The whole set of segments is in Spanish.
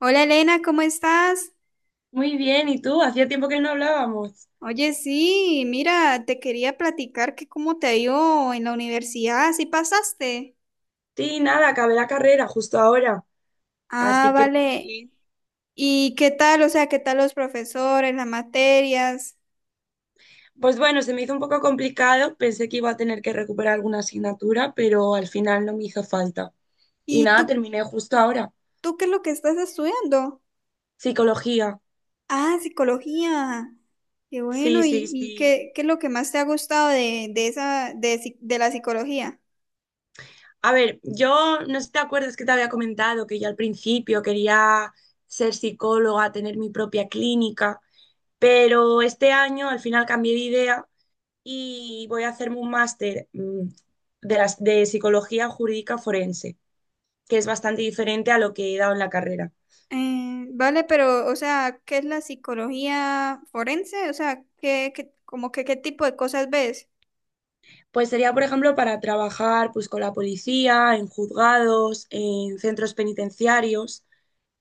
Hola Elena, ¿cómo estás? Muy bien, ¿y tú? Hacía tiempo que no hablábamos. Oye, sí, mira, te quería platicar que cómo te ha ido en la universidad, si pasaste. Sí, nada, acabé la carrera justo ahora, Ah, así que muy vale. bien. ¿Y qué tal? O sea, ¿qué tal los profesores, las materias? Pues bueno, se me hizo un poco complicado, pensé que iba a tener que recuperar alguna asignatura, pero al final no me hizo falta. Y ¿Y nada, tú, terminé justo ahora. tú qué es lo que estás estudiando? Psicología. Ah, psicología. Qué Sí, bueno. sí, ¿Y sí. qué es lo que más te ha gustado de esa, de la psicología? A ver, yo no sé si te acuerdas que te había comentado que yo al principio quería ser psicóloga, tener mi propia clínica, pero este año al final cambié de idea y voy a hacerme un máster de psicología jurídica forense, que es bastante diferente a lo que he dado en la carrera. Vale, pero, o sea, ¿qué es la psicología forense? O sea, como que qué tipo de cosas ves? Pues sería, por ejemplo, para trabajar pues, con la policía, en juzgados, en centros penitenciarios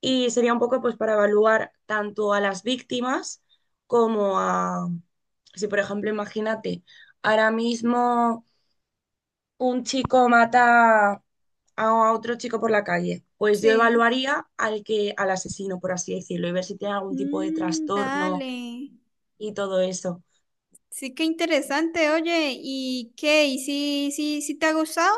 y sería un poco pues, para evaluar tanto a las víctimas como a, si por ejemplo, imagínate, ahora mismo un chico mata a otro chico por la calle, pues yo Sí. evaluaría al que, al asesino, por así decirlo, y ver si tiene algún tipo de Mm, trastorno dale. y todo eso. Sí, qué interesante, oye. ¿Y qué? ¿Y si te ha gustado?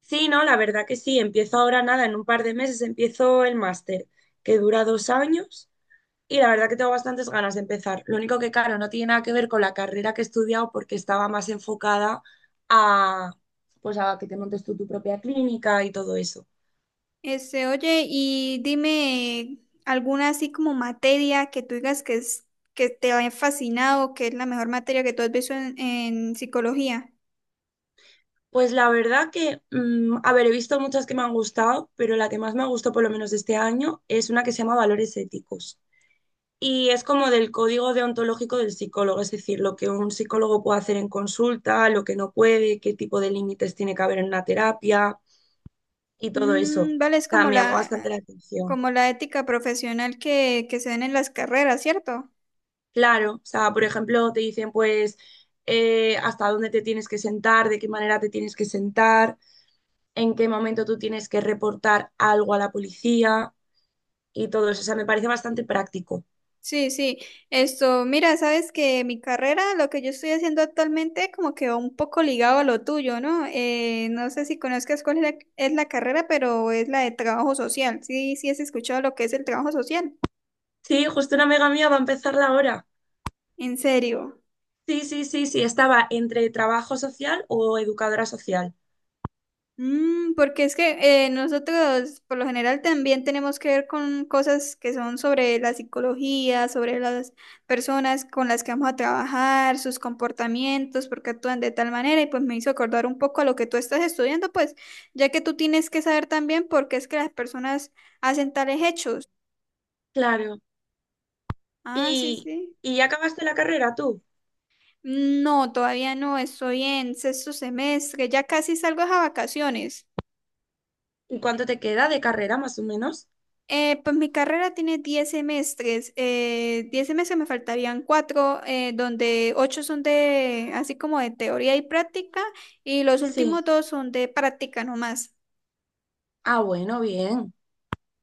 Sí, no, la verdad que sí, empiezo ahora nada, en un par de meses empiezo el máster, que dura 2 años, y la verdad que tengo bastantes ganas de empezar. Lo único que, claro, no tiene nada que ver con la carrera que he estudiado porque estaba más enfocada a, pues a que te montes tú tu propia clínica y todo eso. Este, oye, y dime alguna así como materia que tú digas que es, que te ha fascinado, que es la mejor materia que tú has visto en psicología. Pues la verdad que, a ver, he visto muchas que me han gustado, pero la que más me gustó, por lo menos de este año, es una que se llama Valores Éticos. Y es como del código deontológico del psicólogo, es decir, lo que un psicólogo puede hacer en consulta, lo que no puede, qué tipo de límites tiene que haber en una terapia y todo eso. Mm, vale, O es sea, como me llamó la, bastante la atención. como la ética profesional que se dan en las carreras, ¿cierto? Claro, o sea, por ejemplo, te dicen pues hasta dónde te tienes que sentar, de qué manera te tienes que sentar, en qué momento tú tienes que reportar algo a la policía y todo eso. O sea, me parece bastante práctico. Sí, sí. Esto, mira, sabes que mi carrera, lo que yo estoy haciendo actualmente, como que va un poco ligado a lo tuyo, ¿no? No sé si conozcas cuál es la carrera, pero es la de trabajo social. Sí, sí has escuchado lo que es el trabajo social. Sí, justo una amiga mía va a empezarla ahora. En serio. Sí, sí, sí, sí, estaba entre trabajo social o educadora social. Porque es que nosotros por lo general también tenemos que ver con cosas que son sobre la psicología, sobre las personas con las que vamos a trabajar, sus comportamientos, por qué actúan de tal manera y pues me hizo acordar un poco a lo que tú estás estudiando, pues ya que tú tienes que saber también por qué es que las personas hacen tales hechos. Claro. Ah, sí, ¿Y, sí. y ya acabaste la carrera tú? No, todavía no, estoy en sexto semestre, ya casi salgo a vacaciones. ¿Y cuánto te queda de carrera más o menos? Pues mi carrera tiene 10 semestres. 10 semestres me faltarían 4, donde 8 son de, así como de teoría y práctica, y los Sí. últimos dos son de práctica nomás. Ah, bueno, bien.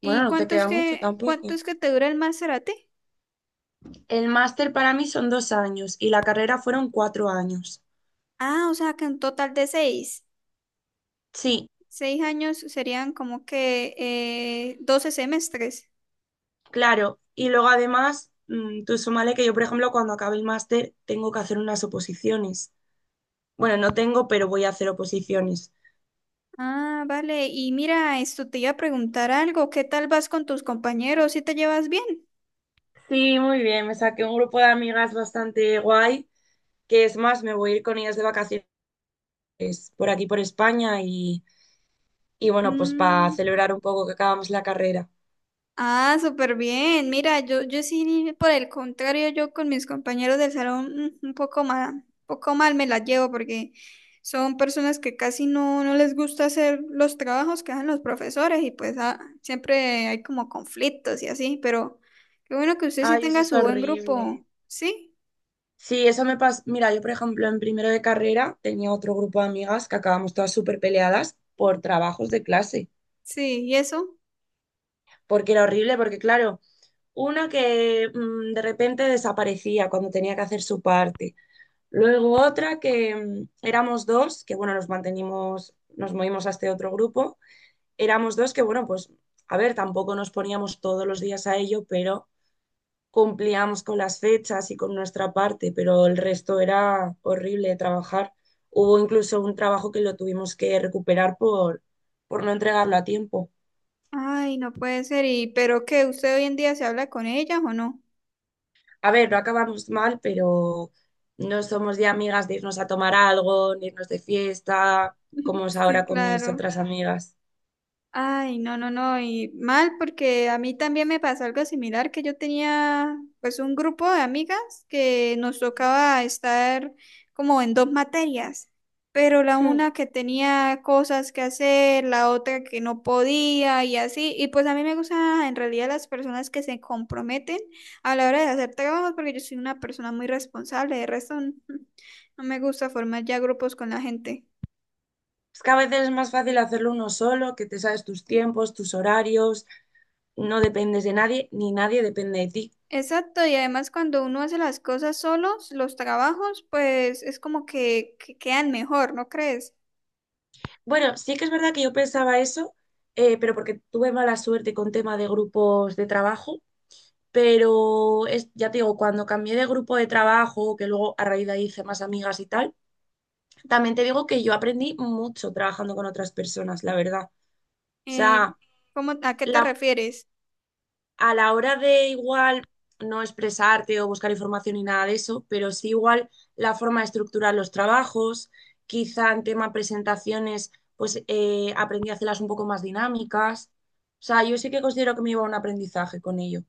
Bueno, ¿Y no te cuánto es queda mucho que, cuánto tampoco. es que te dura el máster a ti? El máster para mí son 2 años y la carrera fueron 4 años. Ah, o sea que un total de seis, Sí, seis años serían como que 12 semestres. claro. Y luego además, tú súmale que yo, por ejemplo, cuando acabe el máster tengo que hacer unas oposiciones. Bueno, no tengo, pero voy a hacer oposiciones. Ah, vale. Y mira, esto te iba a preguntar algo. ¿Qué tal vas con tus compañeros? ¿Si te llevas bien? Sí, muy bien. Me saqué un grupo de amigas bastante guay, que es más, me voy a ir con ellas de vacaciones por aquí, por España, y bueno, pues para Mm. celebrar un poco que acabamos la carrera. Ah, súper bien. Mira, yo sí, por el contrario, yo con mis compañeros del salón mm, un poco mal me las llevo porque son personas que casi no, no les gusta hacer los trabajos que hacen los profesores y pues siempre hay como conflictos y así, pero qué bueno que usted sí Ay, eso tenga es su buen horrible. grupo. ¿Sí? Sí, eso me pasa. Mira, yo, por ejemplo, en primero de carrera tenía otro grupo de amigas que acabamos todas súper peleadas por trabajos de clase, Sí, ¿y eso? porque era horrible, porque claro, una que de repente desaparecía cuando tenía que hacer su parte. Luego otra que éramos dos, que bueno, nos mantenimos, nos movimos a este otro grupo. Éramos dos que bueno, pues a ver, tampoco nos poníamos todos los días a ello, pero cumplíamos con las fechas y con nuestra parte, pero el resto era horrible de trabajar. Hubo incluso un trabajo que lo tuvimos que recuperar por, no entregarlo a tiempo. Ay, no puede ser. ¿Y pero qué? ¿Usted hoy en día se habla con ellas o no? A ver, no acabamos mal, pero no somos ya amigas de irnos a tomar algo, ni irnos de fiesta, como es Sí, ahora con mis claro. otras amigas. Ay, no, no, no, y mal porque a mí también me pasó algo similar, que yo tenía pues un grupo de amigas que nos tocaba estar como en dos materias, pero la una que tenía cosas que hacer, la otra que no podía y así, y pues a mí me gustan en realidad las personas que se comprometen a la hora de hacer trabajos porque yo soy una persona muy responsable, de resto no no me gusta formar ya grupos con la gente. Es que a veces es más fácil hacerlo uno solo, que te sabes tus tiempos, tus horarios, no dependes de nadie, ni nadie depende de ti. Exacto, y además cuando uno hace las cosas solos, los trabajos, pues es como que quedan mejor, ¿no crees? Bueno, sí que es verdad que yo pensaba eso, pero porque tuve mala suerte con tema de grupos de trabajo, pero es, ya te digo, cuando cambié de grupo de trabajo, que luego a raíz de ahí hice más amigas y tal, también te digo que yo aprendí mucho trabajando con otras personas, la verdad. O Eh, sea, ¿cómo, a qué te la refieres? a la hora de igual no expresarte o buscar información ni nada de eso, pero sí igual la forma de estructurar los trabajos, quizá en tema presentaciones, pues aprendí a hacerlas un poco más dinámicas. O sea, yo sí que considero que me iba a un aprendizaje con ello.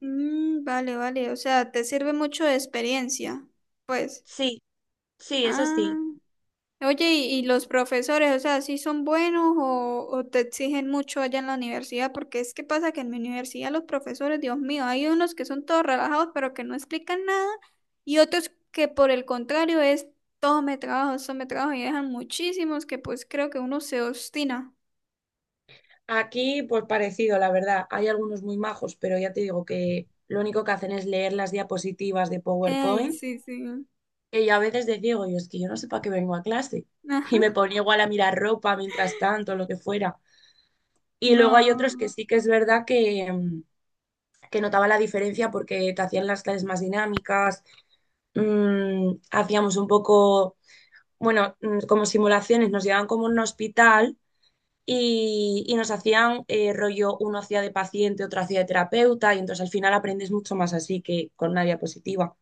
Mm, vale, vale, o sea, te sirve mucho de experiencia, pues. Sí, sí, eso Ah. sí. Oye, ¿y los profesores, o sea, sí son buenos o te exigen mucho allá en la universidad? Porque es que pasa que en mi universidad los profesores, Dios mío, hay unos que son todos relajados pero que no explican nada y otros que por el contrario es todo me trabajo y dejan muchísimos que pues creo que uno se obstina. Aquí, pues parecido, la verdad. Hay algunos muy majos, pero ya te digo que lo único que hacen es leer las diapositivas de ¡Ay, PowerPoint sí, sí! que yo a veces decía, digo, yo es que yo no sé para qué vengo a clase. Y me Ajá. ponía igual a mirar ropa mientras tanto, lo que fuera. Y luego hay otros que No. sí que es verdad que, que notaba la diferencia porque te hacían las clases más dinámicas, hacíamos un poco, bueno, como simulaciones, nos llevaban como a un hospital y nos hacían rollo, uno hacía de paciente, otro hacía de terapeuta, y entonces al final aprendes mucho más así que con una diapositiva.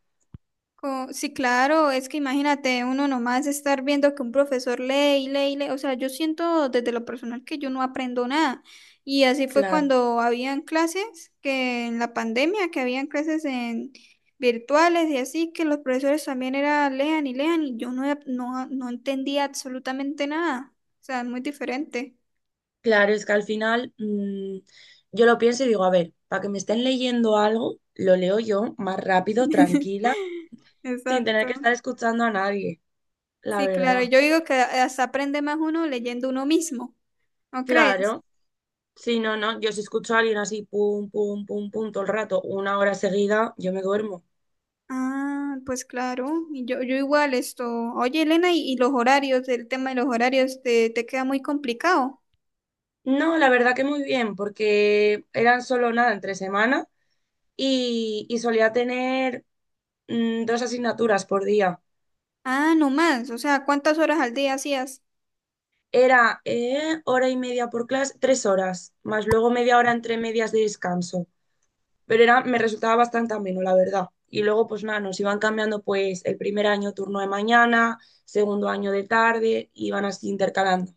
Sí, claro, es que imagínate uno nomás estar viendo que un profesor lee y lee y lee, o sea, yo siento desde lo personal que yo no aprendo nada. Y así fue Claro. cuando habían clases, que en la pandemia, que habían clases en virtuales y así, que los profesores también era lean y lean y yo no, no, no entendía absolutamente nada. O sea, es muy diferente. Claro, es que al final yo lo pienso y digo, a ver, para que me estén leyendo algo, lo leo yo más rápido, tranquila, sin tener Exacto. que estar escuchando a nadie, la Sí, claro, verdad. yo digo que hasta aprende más uno leyendo uno mismo, ¿no crees? Claro, si no, no, yo si escucho a alguien así, pum, pum, pum, pum, todo el rato, una hora seguida, yo me duermo. Ah, pues claro, y yo igual esto. Oye, Elena, y los horarios, el tema de los horarios, te queda muy complicado. No, la verdad que muy bien, porque eran solo nada entre semana y solía tener dos asignaturas por día. Ah, no más, o sea, ¿cuántas horas al día hacías? Era hora y media por clase, 3 horas, más luego media hora entre medias de descanso. Pero era, me resultaba bastante ameno, la verdad. Y luego, pues nada, nos iban cambiando pues el primer año turno de mañana, segundo año de tarde, iban así intercalando.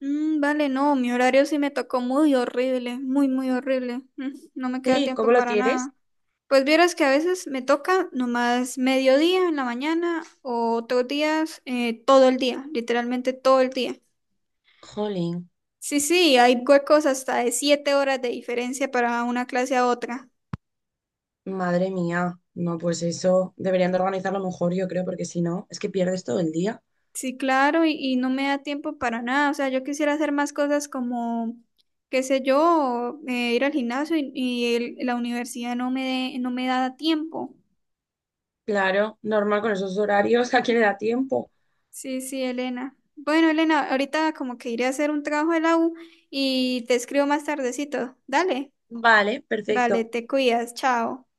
Mm, vale, no, mi horario sí me tocó muy horrible, muy, muy horrible. No me queda Sí, tiempo ¿cómo lo para tienes? nada. Pues vieras que a veces me toca nomás mediodía en la mañana o otros días todo el día, literalmente todo el día. Jolín, Sí, sí, hay huecos hasta de 7 horas de diferencia para una clase a otra. madre mía. No, pues eso deberían de organizarlo mejor, yo creo, porque si no, es que pierdes todo el día. Sí, claro, y no me da tiempo para nada. O sea, yo quisiera hacer más cosas como, qué sé yo, ir al gimnasio y la universidad no me da tiempo. Claro, normal con esos horarios, ¿a quién le da tiempo? Sí, sí, Elena. Bueno, Elena, ahorita como que iré a hacer un trabajo de la U y te escribo más tardecito. Dale. Vale, Vale, perfecto. te cuidas. Chao.